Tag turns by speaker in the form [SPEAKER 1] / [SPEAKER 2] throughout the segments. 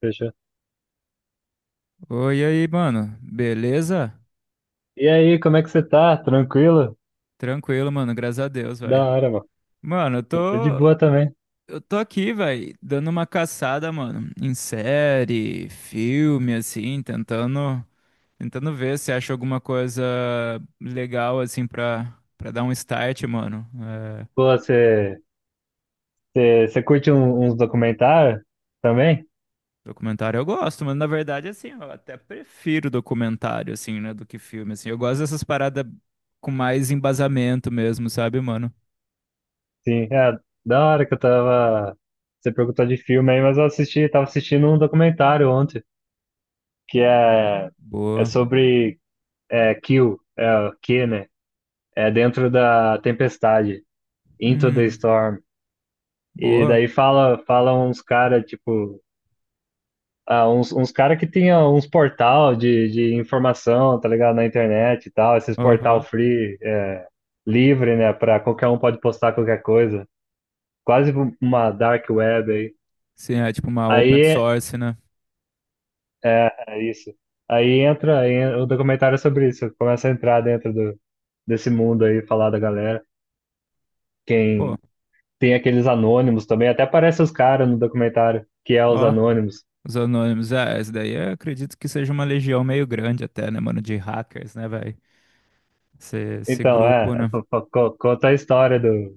[SPEAKER 1] Fechou.
[SPEAKER 2] Oi, e aí, mano. Beleza?
[SPEAKER 1] E aí, como é que você tá? Tranquilo?
[SPEAKER 2] Tranquilo, mano. Graças a Deus,
[SPEAKER 1] Da
[SPEAKER 2] velho.
[SPEAKER 1] hora, mano.
[SPEAKER 2] Mano, eu
[SPEAKER 1] Tô de
[SPEAKER 2] tô.
[SPEAKER 1] boa também.
[SPEAKER 2] Eu tô aqui, velho, dando uma caçada, mano, em série, filme, assim, tentando. Tentando ver se acha alguma coisa legal, assim, pra dar um start, mano. É,
[SPEAKER 1] Pô, você curte uns documentários também?
[SPEAKER 2] documentário eu gosto, mas na verdade, assim, eu até prefiro documentário, assim, né, do que filme, assim. Eu gosto dessas paradas com mais embasamento mesmo, sabe, mano?
[SPEAKER 1] Sim, é da hora que eu tava. Você perguntou de filme aí, mas eu assisti, tava assistindo um documentário ontem, que é, é
[SPEAKER 2] Boa.
[SPEAKER 1] sobre Kill, é, Q, né? É dentro da tempestade, Into the
[SPEAKER 2] Hum,
[SPEAKER 1] Storm. E
[SPEAKER 2] boa.
[SPEAKER 1] daí fala uns caras, tipo. Ah, uns caras que tinha uns portal de informação, tá ligado? Na internet e tal, esses portal
[SPEAKER 2] Aham.
[SPEAKER 1] free, é, livre, né? Pra qualquer um pode postar qualquer coisa. Quase uma dark web aí.
[SPEAKER 2] Sim, é tipo uma open
[SPEAKER 1] Aí
[SPEAKER 2] source, né?
[SPEAKER 1] é isso. Aí entra aí, o documentário é sobre isso. Começa a entrar dentro do, desse mundo aí, falar da galera.
[SPEAKER 2] Pô,
[SPEAKER 1] Quem tem aqueles anônimos também, até aparece os caras no documentário, que é os
[SPEAKER 2] ó,
[SPEAKER 1] anônimos.
[SPEAKER 2] os anônimos. É, essa daí eu acredito que seja uma legião meio grande até, né, mano, de hackers, né, velho? Esse
[SPEAKER 1] Então,
[SPEAKER 2] grupo,
[SPEAKER 1] é,
[SPEAKER 2] né?
[SPEAKER 1] conta a história do,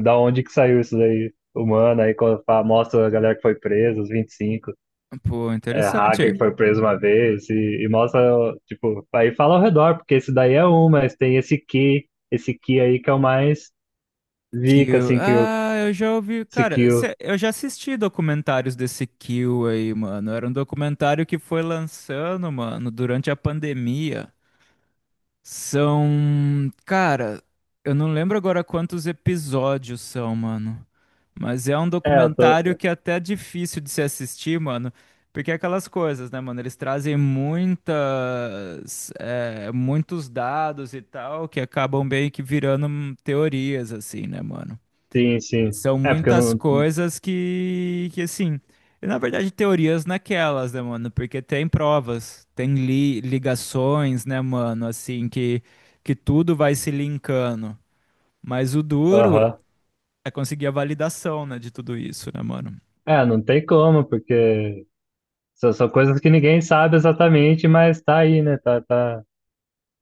[SPEAKER 1] da onde que saiu isso daí? Humana, aí quando mostra a galera que foi presa, os 25,
[SPEAKER 2] Pô,
[SPEAKER 1] é, hacker
[SPEAKER 2] interessante.
[SPEAKER 1] que foi preso uma vez, e mostra, tipo, aí fala ao redor, porque esse daí é um, mas tem esse que esse que aí que é o mais zica,
[SPEAKER 2] Kill.
[SPEAKER 1] assim, que eu,
[SPEAKER 2] Ah, eu já ouvi,
[SPEAKER 1] esse que
[SPEAKER 2] cara,
[SPEAKER 1] eu,
[SPEAKER 2] eu já assisti documentários desse Kill aí, mano. Era um documentário que foi lançando, mano, durante a pandemia. São. Cara, eu não lembro agora quantos episódios são, mano. Mas é um
[SPEAKER 1] é, eu tô,
[SPEAKER 2] documentário que é até difícil de se assistir, mano. Porque é aquelas coisas, né, mano? Eles trazem muitos dados e tal, que acabam meio que virando teorias, assim, né, mano?
[SPEAKER 1] sim,
[SPEAKER 2] E
[SPEAKER 1] sim,
[SPEAKER 2] são
[SPEAKER 1] é, porque eu
[SPEAKER 2] muitas
[SPEAKER 1] não,
[SPEAKER 2] coisas que assim, e, na verdade, teorias naquelas, né, mano? Porque tem provas, tem ligações, né, mano? Assim, que tudo vai se linkando. Mas o duro
[SPEAKER 1] aham,
[SPEAKER 2] é conseguir a validação, né, de tudo isso, né, mano?
[SPEAKER 1] é, não tem como, porque são coisas que ninguém sabe exatamente, mas tá aí, né,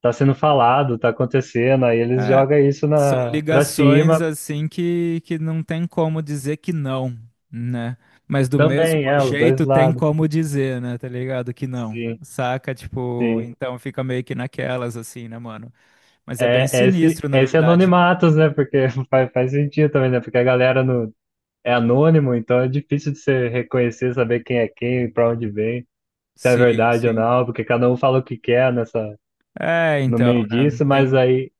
[SPEAKER 1] tá sendo falado, tá acontecendo, aí eles
[SPEAKER 2] É,
[SPEAKER 1] jogam isso
[SPEAKER 2] são
[SPEAKER 1] na, pra
[SPEAKER 2] ligações,
[SPEAKER 1] cima.
[SPEAKER 2] assim, que não tem como dizer que não, né? Mas do mesmo
[SPEAKER 1] Também, é, os dois
[SPEAKER 2] jeito tem
[SPEAKER 1] lados.
[SPEAKER 2] como dizer, né, tá ligado? Que não.
[SPEAKER 1] Sim,
[SPEAKER 2] Saca? Tipo,
[SPEAKER 1] sim.
[SPEAKER 2] então fica meio que naquelas, assim, né, mano? Mas é bem
[SPEAKER 1] É,
[SPEAKER 2] sinistro, na
[SPEAKER 1] é esse
[SPEAKER 2] verdade.
[SPEAKER 1] anonimatos, né? Porque faz sentido também, né? Porque a galera no, é anônimo, então é difícil de você reconhecer, saber quem é quem, pra onde vem, se é
[SPEAKER 2] Sim,
[SPEAKER 1] verdade ou
[SPEAKER 2] sim.
[SPEAKER 1] não, porque cada um fala o que quer nessa,
[SPEAKER 2] É,
[SPEAKER 1] no
[SPEAKER 2] então,
[SPEAKER 1] meio
[SPEAKER 2] né?
[SPEAKER 1] disso, mas
[SPEAKER 2] Tem,
[SPEAKER 1] aí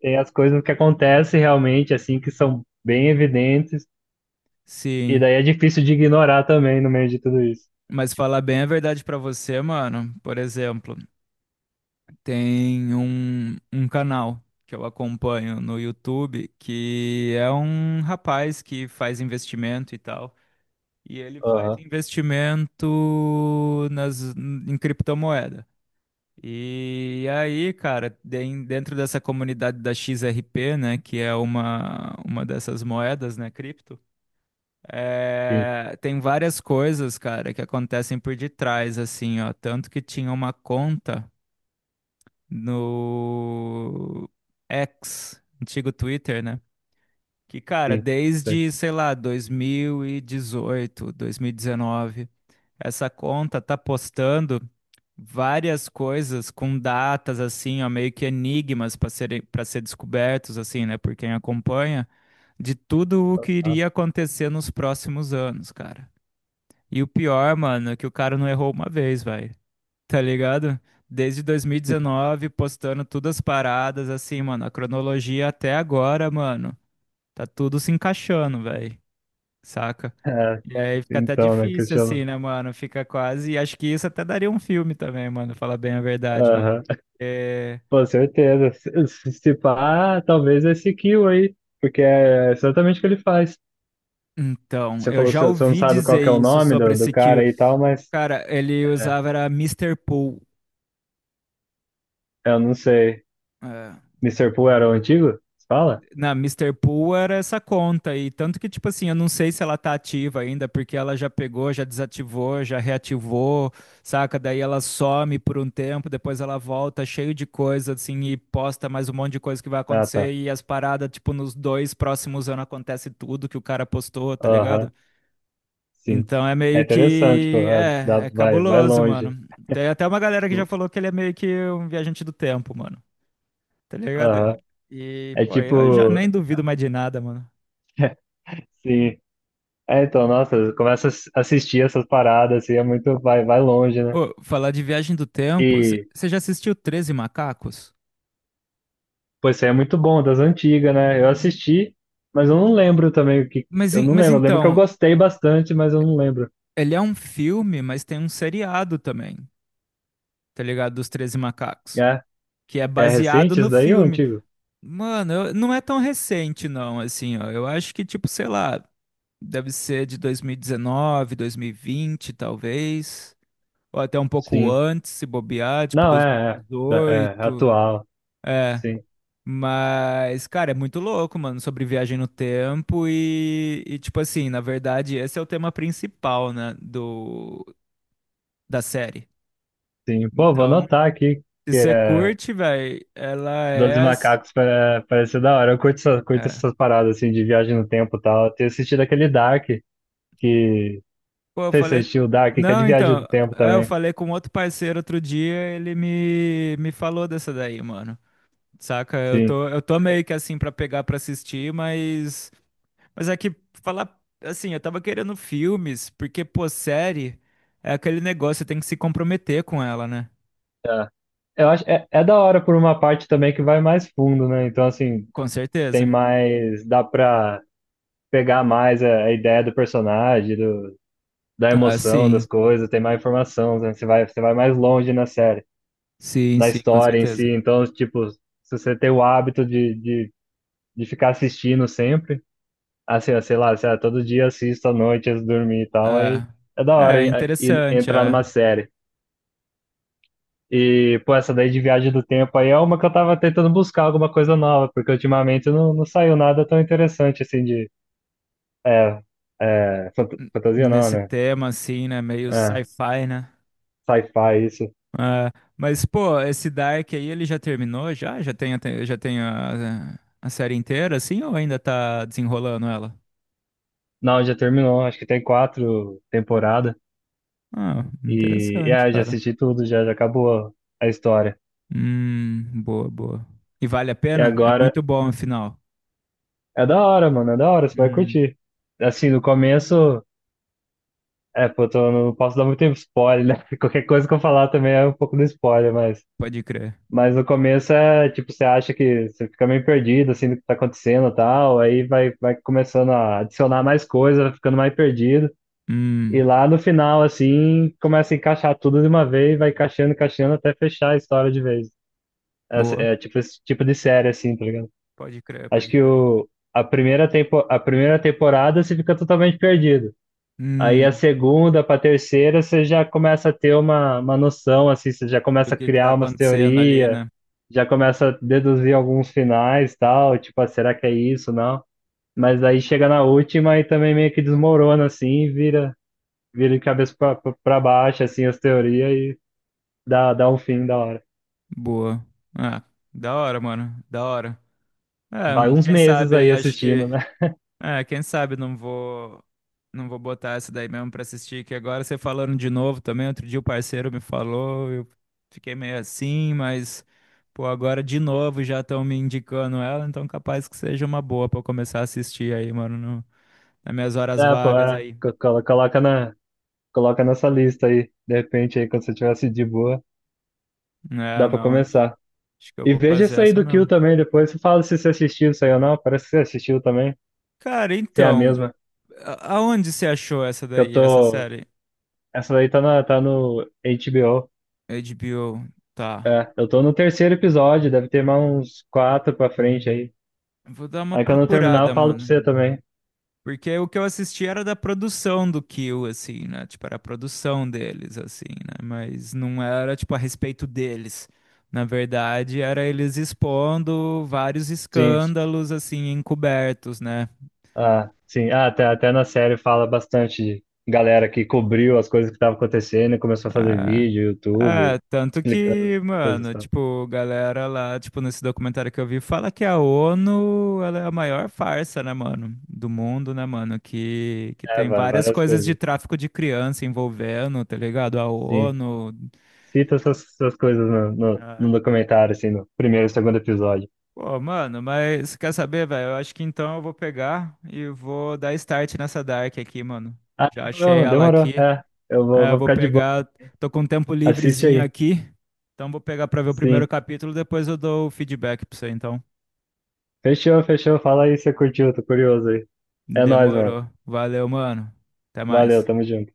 [SPEAKER 1] tem as coisas que acontecem realmente, assim, que são bem evidentes, e
[SPEAKER 2] sim.
[SPEAKER 1] daí é difícil de ignorar também no meio de tudo isso.
[SPEAKER 2] Mas falar bem a verdade pra você, mano. Por exemplo, tem um canal que eu acompanho no YouTube que é um rapaz que faz investimento e tal. E ele faz
[SPEAKER 1] Aham,
[SPEAKER 2] investimento em criptomoeda. E aí, cara, dentro dessa comunidade da XRP, né, que é uma dessas moedas, né, cripto,
[SPEAKER 1] sim,
[SPEAKER 2] tem várias coisas, cara, que acontecem por detrás, assim, ó. Tanto que tinha uma conta no X, antigo Twitter, né? Que, cara,
[SPEAKER 1] sim. Sei.
[SPEAKER 2] desde, sei lá, dois mil e dezoito, 2019, essa conta tá postando várias coisas com datas, assim, ó, meio que enigmas para ser descobertos, assim, né, por quem acompanha, de tudo o que
[SPEAKER 1] Ah,
[SPEAKER 2] iria acontecer nos próximos anos, cara. E o pior, mano, é que o cara não errou uma vez, vai. Tá ligado? Desde 2019, postando todas as paradas, assim, mano, a cronologia até agora, mano. Tá tudo se encaixando, velho. Saca?
[SPEAKER 1] é,
[SPEAKER 2] E aí fica até
[SPEAKER 1] então, né? Que
[SPEAKER 2] difícil,
[SPEAKER 1] chama.
[SPEAKER 2] assim, né, mano? Fica quase. E acho que isso até daria um filme também, mano. Falar bem a verdade, mano.
[SPEAKER 1] Aham.
[SPEAKER 2] É.
[SPEAKER 1] Com certeza. Se pá, talvez esse Kill aí, porque é exatamente o que ele faz.
[SPEAKER 2] Então,
[SPEAKER 1] Você
[SPEAKER 2] eu
[SPEAKER 1] falou que
[SPEAKER 2] já
[SPEAKER 1] você não
[SPEAKER 2] ouvi
[SPEAKER 1] sabe qual
[SPEAKER 2] dizer
[SPEAKER 1] que é o
[SPEAKER 2] isso
[SPEAKER 1] nome
[SPEAKER 2] sobre
[SPEAKER 1] do, do
[SPEAKER 2] esse que
[SPEAKER 1] cara
[SPEAKER 2] o
[SPEAKER 1] aí e tal, mas
[SPEAKER 2] cara, ele
[SPEAKER 1] é,
[SPEAKER 2] usava era Mister Pool.
[SPEAKER 1] eu não sei.
[SPEAKER 2] é,
[SPEAKER 1] Mister Pooh era o antigo? Você fala?
[SPEAKER 2] Na Mister Pool era essa conta e tanto que tipo assim, eu não sei se ela tá ativa ainda, porque ela já pegou, já desativou, já reativou, saca? Daí ela some por um tempo, depois ela volta cheio de coisa assim e posta mais um monte de coisa que vai
[SPEAKER 1] Ah,
[SPEAKER 2] acontecer
[SPEAKER 1] tá.
[SPEAKER 2] e as paradas tipo nos dois próximos anos acontece tudo que o cara postou, tá ligado?
[SPEAKER 1] Aham, sim.
[SPEAKER 2] Então é
[SPEAKER 1] É
[SPEAKER 2] meio
[SPEAKER 1] interessante, pô.
[SPEAKER 2] que
[SPEAKER 1] É, dá,
[SPEAKER 2] é
[SPEAKER 1] vai, vai
[SPEAKER 2] cabuloso,
[SPEAKER 1] longe.
[SPEAKER 2] mano. Tem até uma galera que já falou que ele é meio que um viajante do tempo, mano. Tá ligado?
[SPEAKER 1] Aham.
[SPEAKER 2] E,
[SPEAKER 1] É
[SPEAKER 2] pô, eu já
[SPEAKER 1] tipo,
[SPEAKER 2] nem duvido mais de nada, mano.
[SPEAKER 1] sim. É, então, nossa, começa a assistir essas paradas, assim, é muito, vai, vai longe, né?
[SPEAKER 2] Ô, falar de Viagem do Tempo, você
[SPEAKER 1] E
[SPEAKER 2] já assistiu Treze Macacos?
[SPEAKER 1] pô, esse aí é muito bom, das antigas, né? Eu assisti, mas eu não lembro também o que.
[SPEAKER 2] Mas,
[SPEAKER 1] Eu não
[SPEAKER 2] mas
[SPEAKER 1] lembro. Eu lembro que eu
[SPEAKER 2] então,
[SPEAKER 1] gostei bastante, mas eu não lembro.
[SPEAKER 2] ele é um filme, mas tem um seriado também, tá ligado? Dos Treze Macacos,
[SPEAKER 1] É,
[SPEAKER 2] que é
[SPEAKER 1] é
[SPEAKER 2] baseado
[SPEAKER 1] recente
[SPEAKER 2] no
[SPEAKER 1] isso daí ou
[SPEAKER 2] filme.
[SPEAKER 1] antigo?
[SPEAKER 2] Mano, não é tão recente, não, assim, ó. Eu acho que, tipo, sei lá, deve ser de 2019, 2020, talvez. Ou até um pouco
[SPEAKER 1] Sim.
[SPEAKER 2] antes, se bobear, tipo,
[SPEAKER 1] Não, da- é
[SPEAKER 2] 2018.
[SPEAKER 1] atual. Sim,
[SPEAKER 2] Mas, cara, é muito louco, mano, sobre viagem no tempo e, tipo assim, na verdade, esse é o tema principal, né, do, da série.
[SPEAKER 1] sim. Pô, vou
[SPEAKER 2] Então,
[SPEAKER 1] anotar aqui
[SPEAKER 2] se
[SPEAKER 1] que
[SPEAKER 2] você
[SPEAKER 1] é
[SPEAKER 2] curte, velho, ela é,
[SPEAKER 1] Doze Macacos parece ser da hora. Eu curto, essa, curto
[SPEAKER 2] é.
[SPEAKER 1] essas paradas assim de viagem no tempo e tal. Eu tenho assistido aquele Dark, que.
[SPEAKER 2] Pô, eu
[SPEAKER 1] Não sei se você
[SPEAKER 2] falei.
[SPEAKER 1] assistiu o Dark, que é de
[SPEAKER 2] Não,
[SPEAKER 1] viagem
[SPEAKER 2] então,
[SPEAKER 1] do tempo
[SPEAKER 2] é, eu
[SPEAKER 1] também.
[SPEAKER 2] falei com outro parceiro outro dia, ele me falou dessa daí, mano. Saca? Eu
[SPEAKER 1] Sim.
[SPEAKER 2] tô, eu tô meio que assim pra pegar pra assistir, mas. Mas é que falar assim, eu tava querendo filmes, porque, pô, série é aquele negócio, você tem que se comprometer com ela, né?
[SPEAKER 1] É. Eu acho, é, é da hora por uma parte também que vai mais fundo, né? Então, assim,
[SPEAKER 2] Com
[SPEAKER 1] tem
[SPEAKER 2] certeza.
[SPEAKER 1] mais, dá pra pegar mais a ideia do personagem, do, da
[SPEAKER 2] Ah,
[SPEAKER 1] emoção
[SPEAKER 2] sim.
[SPEAKER 1] das coisas, tem mais informação, né? Você vai mais longe na série,
[SPEAKER 2] Sim,
[SPEAKER 1] na
[SPEAKER 2] sim, com
[SPEAKER 1] história em si.
[SPEAKER 2] certeza.
[SPEAKER 1] Então, tipo, se você tem o hábito de ficar assistindo sempre, assim, ó, sei lá, todo dia assisto à noite antes de dormir e tal, aí
[SPEAKER 2] É,
[SPEAKER 1] é da hora
[SPEAKER 2] é
[SPEAKER 1] e
[SPEAKER 2] interessante,
[SPEAKER 1] entrar
[SPEAKER 2] é.
[SPEAKER 1] numa série. E, pô, essa daí de viagem do tempo aí é uma que eu tava tentando buscar alguma coisa nova, porque ultimamente não saiu nada tão interessante assim de. É, é,
[SPEAKER 2] N-
[SPEAKER 1] fantasia não,
[SPEAKER 2] Nesse
[SPEAKER 1] né?
[SPEAKER 2] tema, assim, né? Meio
[SPEAKER 1] É,
[SPEAKER 2] sci-fi, né?
[SPEAKER 1] sci-fi, isso.
[SPEAKER 2] É, mas, pô, esse Dark aí, ele já terminou? Já? Já tem, já tem a série inteira, assim, ou ainda tá desenrolando ela?
[SPEAKER 1] Não, já terminou, acho que tem quatro temporadas.
[SPEAKER 2] Ah,
[SPEAKER 1] E
[SPEAKER 2] interessante,
[SPEAKER 1] é, já
[SPEAKER 2] cara.
[SPEAKER 1] assisti tudo, já acabou a história.
[SPEAKER 2] Boa, boa. E vale a
[SPEAKER 1] E
[SPEAKER 2] pena? É
[SPEAKER 1] agora
[SPEAKER 2] muito bom, afinal.
[SPEAKER 1] é da hora, mano, é da hora, você vai
[SPEAKER 2] Hum,
[SPEAKER 1] curtir. Assim, no começo, é, pô, não posso dar muito spoiler, né? Qualquer coisa que eu falar também é um pouco do spoiler, mas.
[SPEAKER 2] pode crer.
[SPEAKER 1] Mas no começo é tipo, você acha que você fica meio perdido assim do que tá acontecendo e tal, aí vai, vai começando a adicionar mais coisa, vai ficando mais perdido. E
[SPEAKER 2] Hum,
[SPEAKER 1] lá no final, assim, começa a encaixar tudo de uma vez, vai encaixando, encaixando até fechar a história de vez.
[SPEAKER 2] boa.
[SPEAKER 1] É, tipo esse tipo de série, assim, tá ligado?
[SPEAKER 2] Pode crer,
[SPEAKER 1] Acho
[SPEAKER 2] pode
[SPEAKER 1] que
[SPEAKER 2] crer.
[SPEAKER 1] o, a primeira temporada você fica totalmente perdido. Aí a
[SPEAKER 2] Hum,
[SPEAKER 1] segunda para a terceira você já começa a ter uma noção, assim, você já
[SPEAKER 2] do
[SPEAKER 1] começa a
[SPEAKER 2] que tá
[SPEAKER 1] criar umas
[SPEAKER 2] acontecendo ali,
[SPEAKER 1] teorias,
[SPEAKER 2] né?
[SPEAKER 1] já começa a deduzir alguns finais tal, tipo, ah, será que é isso, não? Mas aí chega na última e também meio que desmorona, assim, e vira, vira de cabeça para baixo, assim, as teorias e dá um fim da hora.
[SPEAKER 2] Boa. Ah, da hora, mano. Da hora. É,
[SPEAKER 1] Vai uns
[SPEAKER 2] quem
[SPEAKER 1] meses
[SPEAKER 2] sabe
[SPEAKER 1] aí
[SPEAKER 2] aí, acho que
[SPEAKER 1] assistindo, né?
[SPEAKER 2] é, quem sabe não vou botar essa daí mesmo pra assistir, que agora você falando de novo também, outro dia o parceiro me falou, eu fiquei meio assim, mas pô, agora de novo já estão me indicando ela, então capaz que seja uma boa pra eu começar a assistir aí, mano, nas minhas horas
[SPEAKER 1] É, pô,
[SPEAKER 2] vagas
[SPEAKER 1] é,
[SPEAKER 2] aí.
[SPEAKER 1] coloca na, coloca nessa lista aí, de repente aí, quando você tivesse de boa,
[SPEAKER 2] É,
[SPEAKER 1] dá para
[SPEAKER 2] não,
[SPEAKER 1] começar.
[SPEAKER 2] acho que eu
[SPEAKER 1] E
[SPEAKER 2] vou
[SPEAKER 1] veja
[SPEAKER 2] fazer
[SPEAKER 1] isso aí
[SPEAKER 2] essa
[SPEAKER 1] do Kill
[SPEAKER 2] mesmo.
[SPEAKER 1] também depois. Você fala se você assistiu isso aí ou não. Parece que você assistiu também.
[SPEAKER 2] Cara,
[SPEAKER 1] Se é a
[SPEAKER 2] então,
[SPEAKER 1] mesma.
[SPEAKER 2] aonde você achou essa
[SPEAKER 1] Que eu
[SPEAKER 2] daí, essa
[SPEAKER 1] tô.
[SPEAKER 2] série?
[SPEAKER 1] Essa daí tá no HBO.
[SPEAKER 2] HBO, tá.
[SPEAKER 1] É, eu tô no terceiro episódio. Deve ter mais uns quatro pra frente aí.
[SPEAKER 2] Vou dar uma
[SPEAKER 1] Aí quando eu terminar,
[SPEAKER 2] procurada,
[SPEAKER 1] eu falo pra
[SPEAKER 2] mano.
[SPEAKER 1] você também.
[SPEAKER 2] Porque o que eu assisti era da produção do Kill, assim, né? Tipo, era a produção deles, assim, né? Mas não era, tipo, a respeito deles. Na verdade, era eles expondo vários
[SPEAKER 1] Sim.
[SPEAKER 2] escândalos, assim, encobertos, né?
[SPEAKER 1] Ah, sim.
[SPEAKER 2] Então,
[SPEAKER 1] Até na série fala bastante de galera que cobriu as coisas que estavam acontecendo e começou a fazer
[SPEAKER 2] ah,
[SPEAKER 1] vídeo,
[SPEAKER 2] é,
[SPEAKER 1] YouTube,
[SPEAKER 2] tanto
[SPEAKER 1] explicando as
[SPEAKER 2] que,
[SPEAKER 1] coisas e
[SPEAKER 2] mano,
[SPEAKER 1] tal.
[SPEAKER 2] tipo, galera lá, tipo, nesse documentário que eu vi, fala que a ONU, ela é a maior farsa, né, mano? Do mundo, né, mano? Que
[SPEAKER 1] É,
[SPEAKER 2] tem várias
[SPEAKER 1] várias
[SPEAKER 2] coisas de
[SPEAKER 1] coisas.
[SPEAKER 2] tráfico de criança envolvendo, tá ligado? A
[SPEAKER 1] Sim.
[SPEAKER 2] ONU,
[SPEAKER 1] Cita essas coisas
[SPEAKER 2] é.
[SPEAKER 1] no documentário, assim, no primeiro e segundo episódio.
[SPEAKER 2] Pô, mano, mas quer saber, velho? Eu acho que então eu vou pegar e vou dar start nessa Dark aqui, mano.
[SPEAKER 1] Ah,
[SPEAKER 2] Já achei
[SPEAKER 1] demorou,
[SPEAKER 2] ela
[SPEAKER 1] demorou.
[SPEAKER 2] aqui.
[SPEAKER 1] É,
[SPEAKER 2] É, eu
[SPEAKER 1] vou
[SPEAKER 2] vou
[SPEAKER 1] ficar de boa.
[SPEAKER 2] pegar. Tô com um tempo
[SPEAKER 1] Assiste
[SPEAKER 2] livrezinho
[SPEAKER 1] aí.
[SPEAKER 2] aqui. Então vou pegar pra ver o primeiro
[SPEAKER 1] Sim.
[SPEAKER 2] capítulo, depois eu dou o feedback pra você, então.
[SPEAKER 1] Fechou, fechou. Fala aí se você curtiu, tô curioso aí. É nóis, mano.
[SPEAKER 2] Demorou. Valeu, mano. Até mais.
[SPEAKER 1] Valeu, tamo junto.